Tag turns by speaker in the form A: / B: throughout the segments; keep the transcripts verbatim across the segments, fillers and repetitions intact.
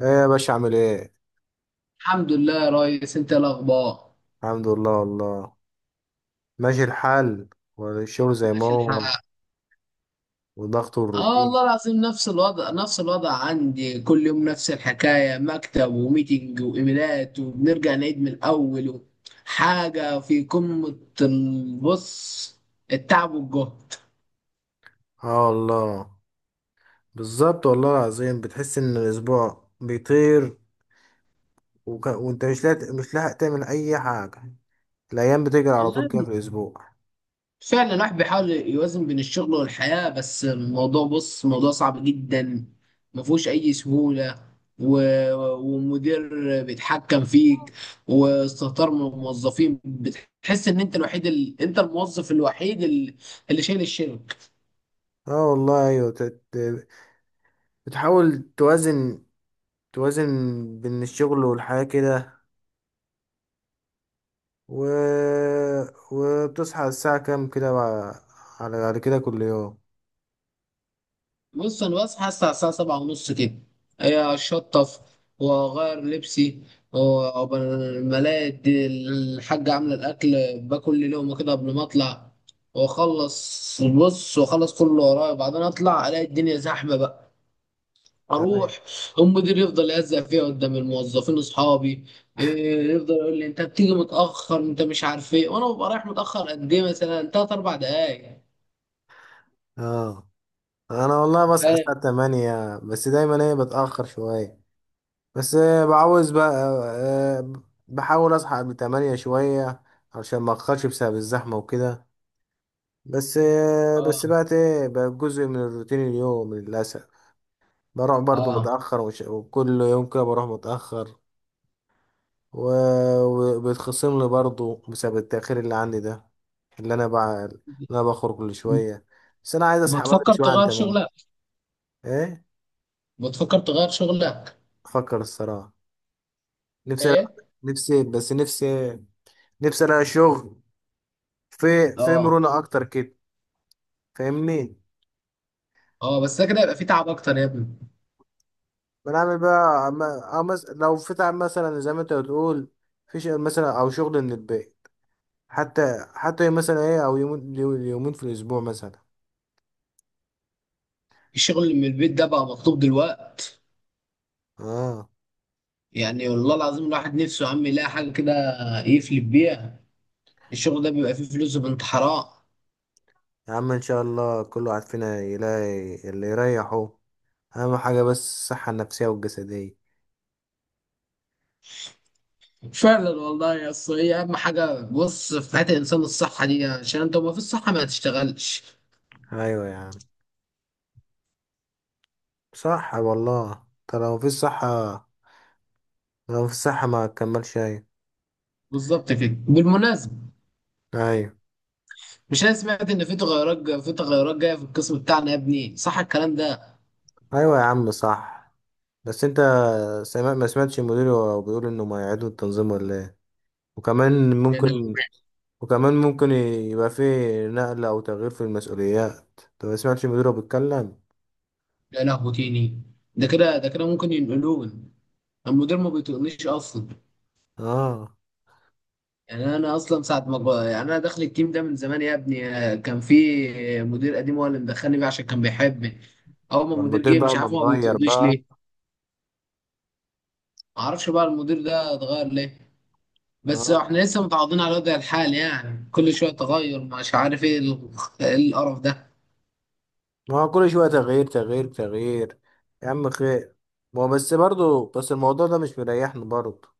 A: ايه يا باشا؟ عامل ايه؟
B: الحمد لله يا ريس، انت ايه الاخبار؟
A: الحمد لله والله، ماشي الحال، والشغل زي ما
B: ماشي
A: هو
B: الحال.
A: وضغط
B: اه،
A: الروتين.
B: والله العظيم نفس الوضع نفس الوضع عندي، كل يوم نفس الحكايه: مكتب وميتنج وايميلات وبنرجع نعيد من الاول و- حاجه في قمه البص، التعب والجهد.
A: اه والله، بالظبط والله العظيم، بتحس ان الاسبوع بيطير وك... وانت مش لاحق مش لاحق تعمل اي حاجه. الايام بتجري على طول
B: والله
A: كده في الاسبوع.
B: فعلا الواحد بيحاول يوازن بين الشغل والحياة، بس الموضوع بص موضوع صعب جدا، ما فيهوش أي سهولة. و... ومدير بيتحكم فيك، واستهتار من الموظفين. بتحس إن أنت الوحيد ال... أنت الموظف الوحيد ال- اللي شايل الشغل.
A: اه والله، ايوه، تت... بتحاول توازن توازن بين الشغل والحياه كده، و... وبتصحى الساعه كام كده بقى- على على كده كل يوم؟
B: بص انا بصحى الساعه الساعه سبعة ونص كده، هي اشطف واغير لبسي، وقبل ما الاقي الد- الحاجه عامله الاكل، باكل لي لقمه كده قبل ما اطلع، واخلص بص واخلص كل اللي ورايا، بعدين اطلع الاقي الدنيا زحمه بقى،
A: أيوة.
B: اروح. المدير يفضل يهزق فيا قدام الموظفين اصحابي، إيه، يفضل يقول لي انت بتيجي متاخر، انت مش عارف ايه، وانا ببقى رايح متاخر قد ايه؟ مثلا تلات اربع دقايق.
A: اه، انا والله بصحى
B: فاهم.
A: الساعة تمانية، بس دايما ايه، بتأخر شوية. بس آه، بعوز بقى. آه، بحاول اصحى قبل تمانية شوية عشان ما اتأخرش بسبب الزحمة وكده. بس آه،
B: اه،
A: بس بقى ايه، بقى جزء من الروتين اليوم للأسف. بروح برضو
B: اه.
A: متأخر، وش- وكل يوم كده بروح متأخر، و- وبيتخصم لي برضو بسبب التأخير اللي عندي ده، اللي انا بقى، اللي انا بخرج كل شوية. بس انا عايز اصحى بدري
B: بتفكر
A: شوية عن
B: تغير
A: تمانية.
B: شغلك؟
A: ايه؟
B: بتفكر تغير شغلك؟
A: افكر الصراحة. نفسي
B: ايه.
A: ألاقي- نفسي بس نفسي، نفسي الاقي شغل في في
B: اه،
A: مرونة اكتر كده. فاهمني؟
B: اه، بس ده كده يبقى فيه تعب اكتر يا ابني.
A: بنعمل بقى ما- أو مس... لو فتح مثلا زي ما انت بتقول في شغل مثلا او شغل من البيت، حتى حتى مثلا ايه او يومين، يومين في الاسبوع مثلا.
B: الشغل اللي من البيت ده بقى مطلوب دلوقت،
A: اه.
B: يعني والله العظيم الواحد نفسه يا عم يلاقي حاجه كده يفلب بيها. الشغل ده بيبقى فيه فلوس بنت حرام.
A: يا عم ان شاء الله كل واحد فينا يلاقي اللي يريحه. اهم حاجة بس الصحة النفسية والجسدية.
B: فعلا والله يا أصل، هي اهم حاجه بص في حياه الانسان الصحه دي، عشان انت ما في الصحه ما تشتغلش.
A: ايوه يا عم، صح والله. طب لو مفيش صحة، لو مفيش صحة ما تكملش. ايوه.
B: بالظبط كده. بالمناسبه،
A: أيوة.
B: مش انا سمعت ان في تغيرات جا- في تغيرات جايه في القسم بتاعنا يا ابني، صح الكلام ده؟
A: ايوه يا عم صح. بس انت، سمع ما سمعتش المدير وهو بيقول انه ما يعيدوا التنظيم ولا ايه؟ وكمان
B: يعني
A: ممكن، وكمان ممكن يبقى فيه نقلة او تغيير في المسؤوليات. انت ما سمعتش المدير وهو بيتكلم؟
B: يا لهوي تاني! ده كده ده كده ممكن ينقلون. المدير ما بيطقنيش اصلا،
A: اه.
B: يعني انا اصلا ساعه ما ب- يعني انا داخل التيم ده من زمان يا ابني، آه، كان في مدير قديم هو اللي مدخلني بيه عشان كان بيحبني. اول ما المدير
A: والمدير
B: جه
A: بقى
B: مش
A: ما
B: عارف ما
A: اتغير
B: بيطقنيش
A: بقى.
B: ليه. ما اعرفش بقى المدير ده اتغير ليه. بس
A: اه.
B: احنا لسه متعاضدين على وضع الحال، يعني كل شويه تغير، مش عارف ايه ال- إيه القرف ده؟
A: ما هو كل شوية تغيير تغيير تغيير. يا عم خير. ما هو بس برضه، بس الموضوع ده مش مريحني برضه.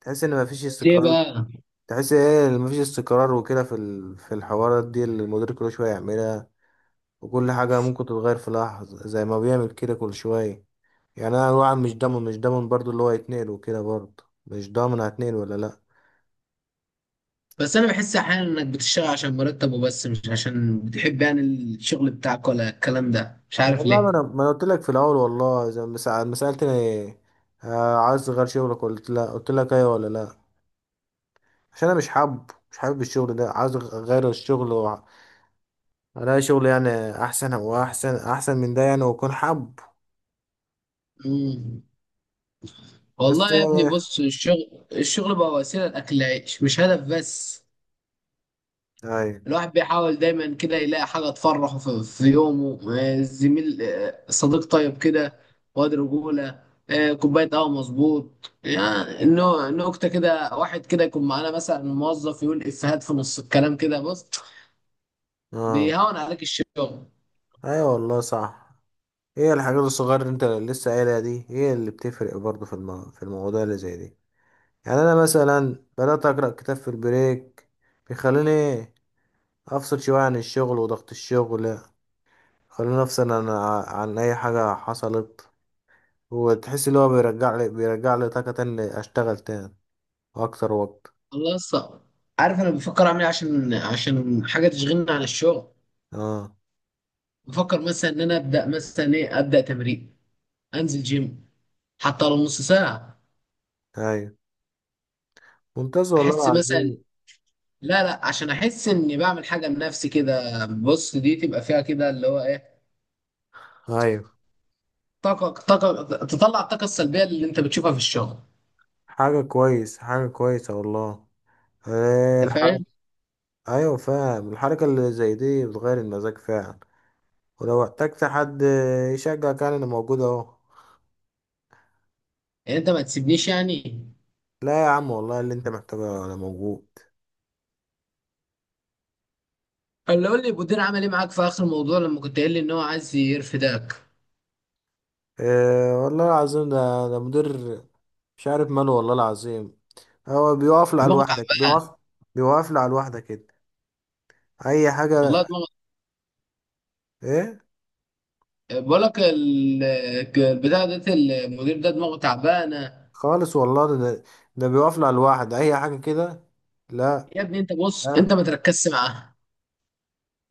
A: تحس ان مفيش
B: ليه
A: استقرار.
B: بقى؟
A: تحس ايه مفيش استقرار وكده في ال- في الحوارات دي اللي المدير كل شوية يعملها، وكل حاجة ممكن تتغير في لحظة زي ما بيعمل كده كل شوية. يعني أنا الواحد مش ضامن مش ضامن برضو اللي هو يتنقل، وكده برضو مش ضامن هتنقل ولا لأ.
B: بس انا بحس احيانا انك بتشتغل عشان مرتبه بس، مش عشان بتحب يعني الشغل بتاعك، ولا الكلام ده مش عارف
A: والله ما أنا
B: ليه.
A: ما أنا قلت لك في الأول، والله زي ما سأل- ما سألتني آه، عايز تغير شغلك، قلت لأ، قلت لك أيوة ولا لأ؟ عشان أنا مش حابب مش حابب الشغل ده، عايز أغ- أغير الشغل وأ- ألاقي شغل يعني أحسن، وأحسن أحسن من ده يعني، وأكون حابب.
B: مم.
A: بس
B: والله يا ابني
A: آه،
B: بص، الشغل الشغل بقى وسيلة لأكل العيش مش هدف بس.
A: أيوة.
B: الواحد بيحاول دايما كده يلاقي حاجة تفرحه في, في يومه، آه، زميل، آه، صديق طيب كده، واد رجولة، آه، كوباية قهوة مظبوط. يعني النو- نكتة كده، واحد كده يكون معانا مثلا، موظف يقول إفيهات في نص الكلام كده بص،
A: آه.
B: بيهون عليك الشغل.
A: أيوة والله صح. هي الحاجات الصغيرة اللي انت لسه قايلها دي هي اللي بتفرق برضه في المو... في المواضيع اللي زي دي. يعني انا مثلا بدأت أقرأ كتاب في البريك، بيخليني ايه، افصل شوية عن الشغل وضغط الشغل. خليني افصل عن، عن اي حاجة حصلت، وتحس اللي هو بيرجع لي بيرجع لي طاقة تاني، اشتغل تاني واكتر وقت.
B: الله يسطا. عارف أنا بفكر أعمل إيه عشان عشان حاجة تشغلني عن الشغل؟
A: اه.
B: بفكر مثلا إن أنا أبدأ مثلا إيه، أبدأ تمرين، انزل جيم، حتى لو نص ساعه.
A: ايوه، ممتاز والله
B: احس مثلا،
A: العظيم.
B: لا لا، عشان احس اني بعمل حاجه لنفسي كده بص، دي تبقى فيها كده اللي هو ايه،
A: ايوه.
B: طاقه، طاقه تطلع الطاقه السلبيه اللي انت بتشوفها في الشغل.
A: حاجة كويس حاجة كويسة والله. إيه
B: انت
A: الحركة؟
B: فاهم؟
A: ايوه، فاهم، الحركة اللي زي دي بتغير المزاج فعلا. ولو احتجت حد يشجعك، يعني انا موجود اهو.
B: يعني انت ما تسيبنيش يعني.
A: لا يا عم والله، اللي انت محتاجه انا موجود.
B: اللي قول لي المدير عمل ايه معاك في اخر الموضوع لما كنت قايل لي ان هو عايز يرفدك؟
A: إيه والله العظيم ده؟ ده مدير مش عارف ماله والله العظيم. هو بيقف على
B: دماغه
A: لوحدك،
B: تعبانه.
A: بيقف، بيوقف على لوحدك كده اي
B: والله
A: حاجه.
B: دماغه،
A: ايه؟
B: بقول لك ال- البتاع ده، المدير ده دماغه تعبانه.
A: خالص والله، ده ده، ده بيقف على لوحده اي حاجه كده. لا.
B: يا ابني انت بص،
A: لا،
B: انت ما تركزش معاه.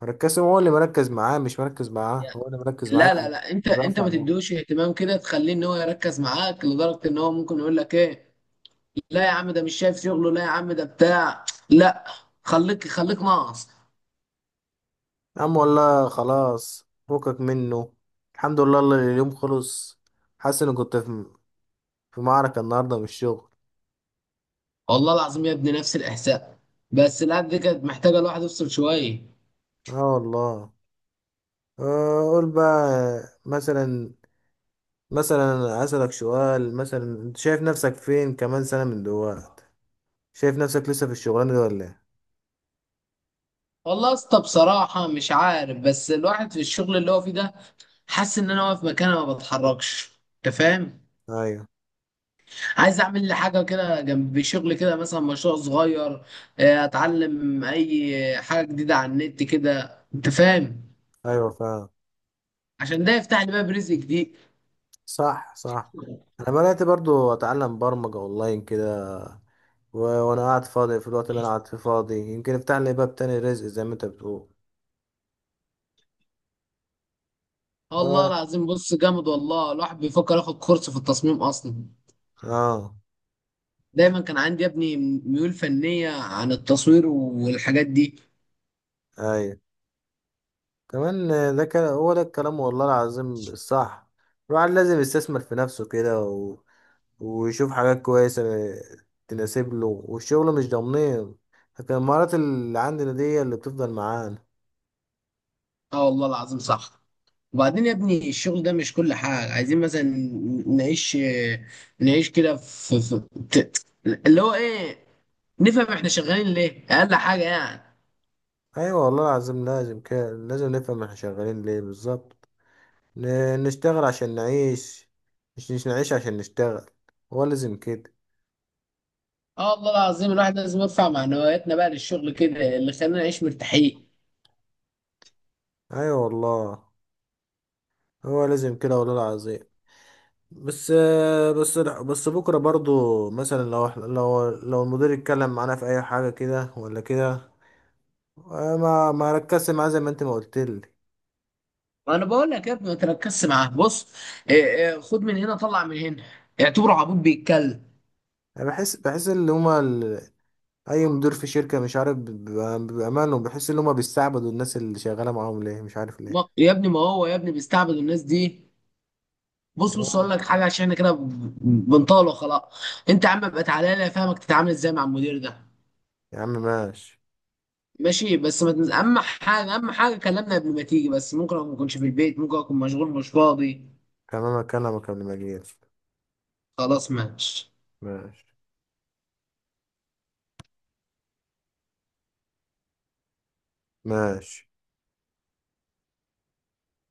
A: مركز، هو اللي مركز معاه، مش مركز معاه هو اللي مركز
B: لا
A: معاه.
B: لا لا، انت انت
A: بيقف
B: ما
A: على لوحده.
B: تديهوش اهتمام كده، تخليه ان هو يركز معاك لدرجه ان هو ممكن يقول لك ايه. لا يا عم، ده مش شايف شغله، لا يا عم ده بتاع، لا. خليك خليك ناقص.
A: يا عم والله خلاص، فكك منه. الحمد لله اللي اليوم خلص. حاسس اني كنت في في معركة النهاردة من الشغل.
B: والله العظيم يا ابني نفس الاحساس. بس الأب دي كانت محتاجه الواحد يفصل شويه.
A: اه والله. آه، قول بقى مثلا، مثلا اسألك سؤال، مثلا انت شايف نفسك فين كمان سنة من دلوقتي؟ شايف نفسك لسه في الشغلانة دي ولا ايه؟
B: والله يا اسطى بصراحه مش عارف، بس الواحد في الشغل اللي هو فيه ده حاسس ان انا واقف مكاني ما بتحركش. انت فاهم؟
A: ايوه.
B: عايز اعمل لي حاجه كده جنب شغل كده، مثلا مشروع صغير، آه، اتعلم اي حاجه جديده على النت كده. انت فاهم؟
A: ايوه، فعلا.
B: عشان ده يفتح لي باب رزق جديد.
A: صح صح. انا بدأت برضو اتعلم برمجة اونلاين كده، و- وانا قاعد فاضي، في الوقت اللي انا قاعد فيه فاضي يمكن افتح لي باب تاني رزق زي ما انت بتقول.
B: الله
A: اه.
B: العظيم بص جامد والله، الواحد بيفكر ياخد كورس في التصميم اصلا.
A: اه.
B: دايما كان عندي يا ابني ميول فنيه عن التصوير والحاجات دي.
A: ايوه. كمان آه، ده كان هو ده الكلام، والله العظيم الصح. الواحد لازم يستثمر في نفسه كده، و... ويشوف حاجات كويسة تناسب له، والشغل مش ضامنين، لكن المهارات اللي عندنا دي هي اللي بتفضل معانا.
B: اه والله العظيم صح. وبعدين يا ابني الشغل ده مش كل حاجة، عايزين مثلا نعيش، نعيش كده في, في ت- اللي هو ايه، نفهم احنا شغالين ليه اقل حاجة يعني.
A: ايوه والله العظيم، لازم كده. لازم نفهم احنا شغالين ليه بالظبط. ن... نشتغل عشان نعيش، مش مش نعيش عشان نشتغل. هو لازم كده.
B: اه والله العظيم، الواحد لازم يرفع معنوياتنا بقى للشغل كده اللي خلينا نعيش مرتاحين.
A: ايوه والله، هو لازم كده والله العظيم. بس، بس بس بكرة برضو مثلا لو إحنا- لو لو المدير اتكلم معانا في اي حاجة كده ولا كده، ما ما ركزت معاه زي ما انت ما قلت لي.
B: ما انا بقول لك يا ابني ما تركزش معاه بص، إيه إيه خد من هنا طلع من هنا، اعتبره عبود بيتكلم.
A: انا بحس بحس ان هما ال- اي مدير في شركة مش عارف، بيبقى- بامانه بحس ان هما بيستعبدوا الناس اللي شغالة معاهم ليه، مش عارف ليه.
B: ما- يا ابني ما هو يا ابني بيستعبد الناس دي. بص بص اقول
A: تمام.
B: لك حاجه، عشان احنا كده بنطاله خلاص. انت يا عم ابقى تعالى لي افهمك تتعامل ازاي مع المدير ده.
A: يا عم ماشي.
B: ماشي، بس ما تنز... اهم حاجه اهم حاجه كلمنا قبل ما تيجي، بس ممكن اكون ما اكونش في البيت، ممكن اكون مشغول مش فاضي.
A: كمامك انا ما كمل.
B: خلاص ماشي.
A: ماشي. ماشي.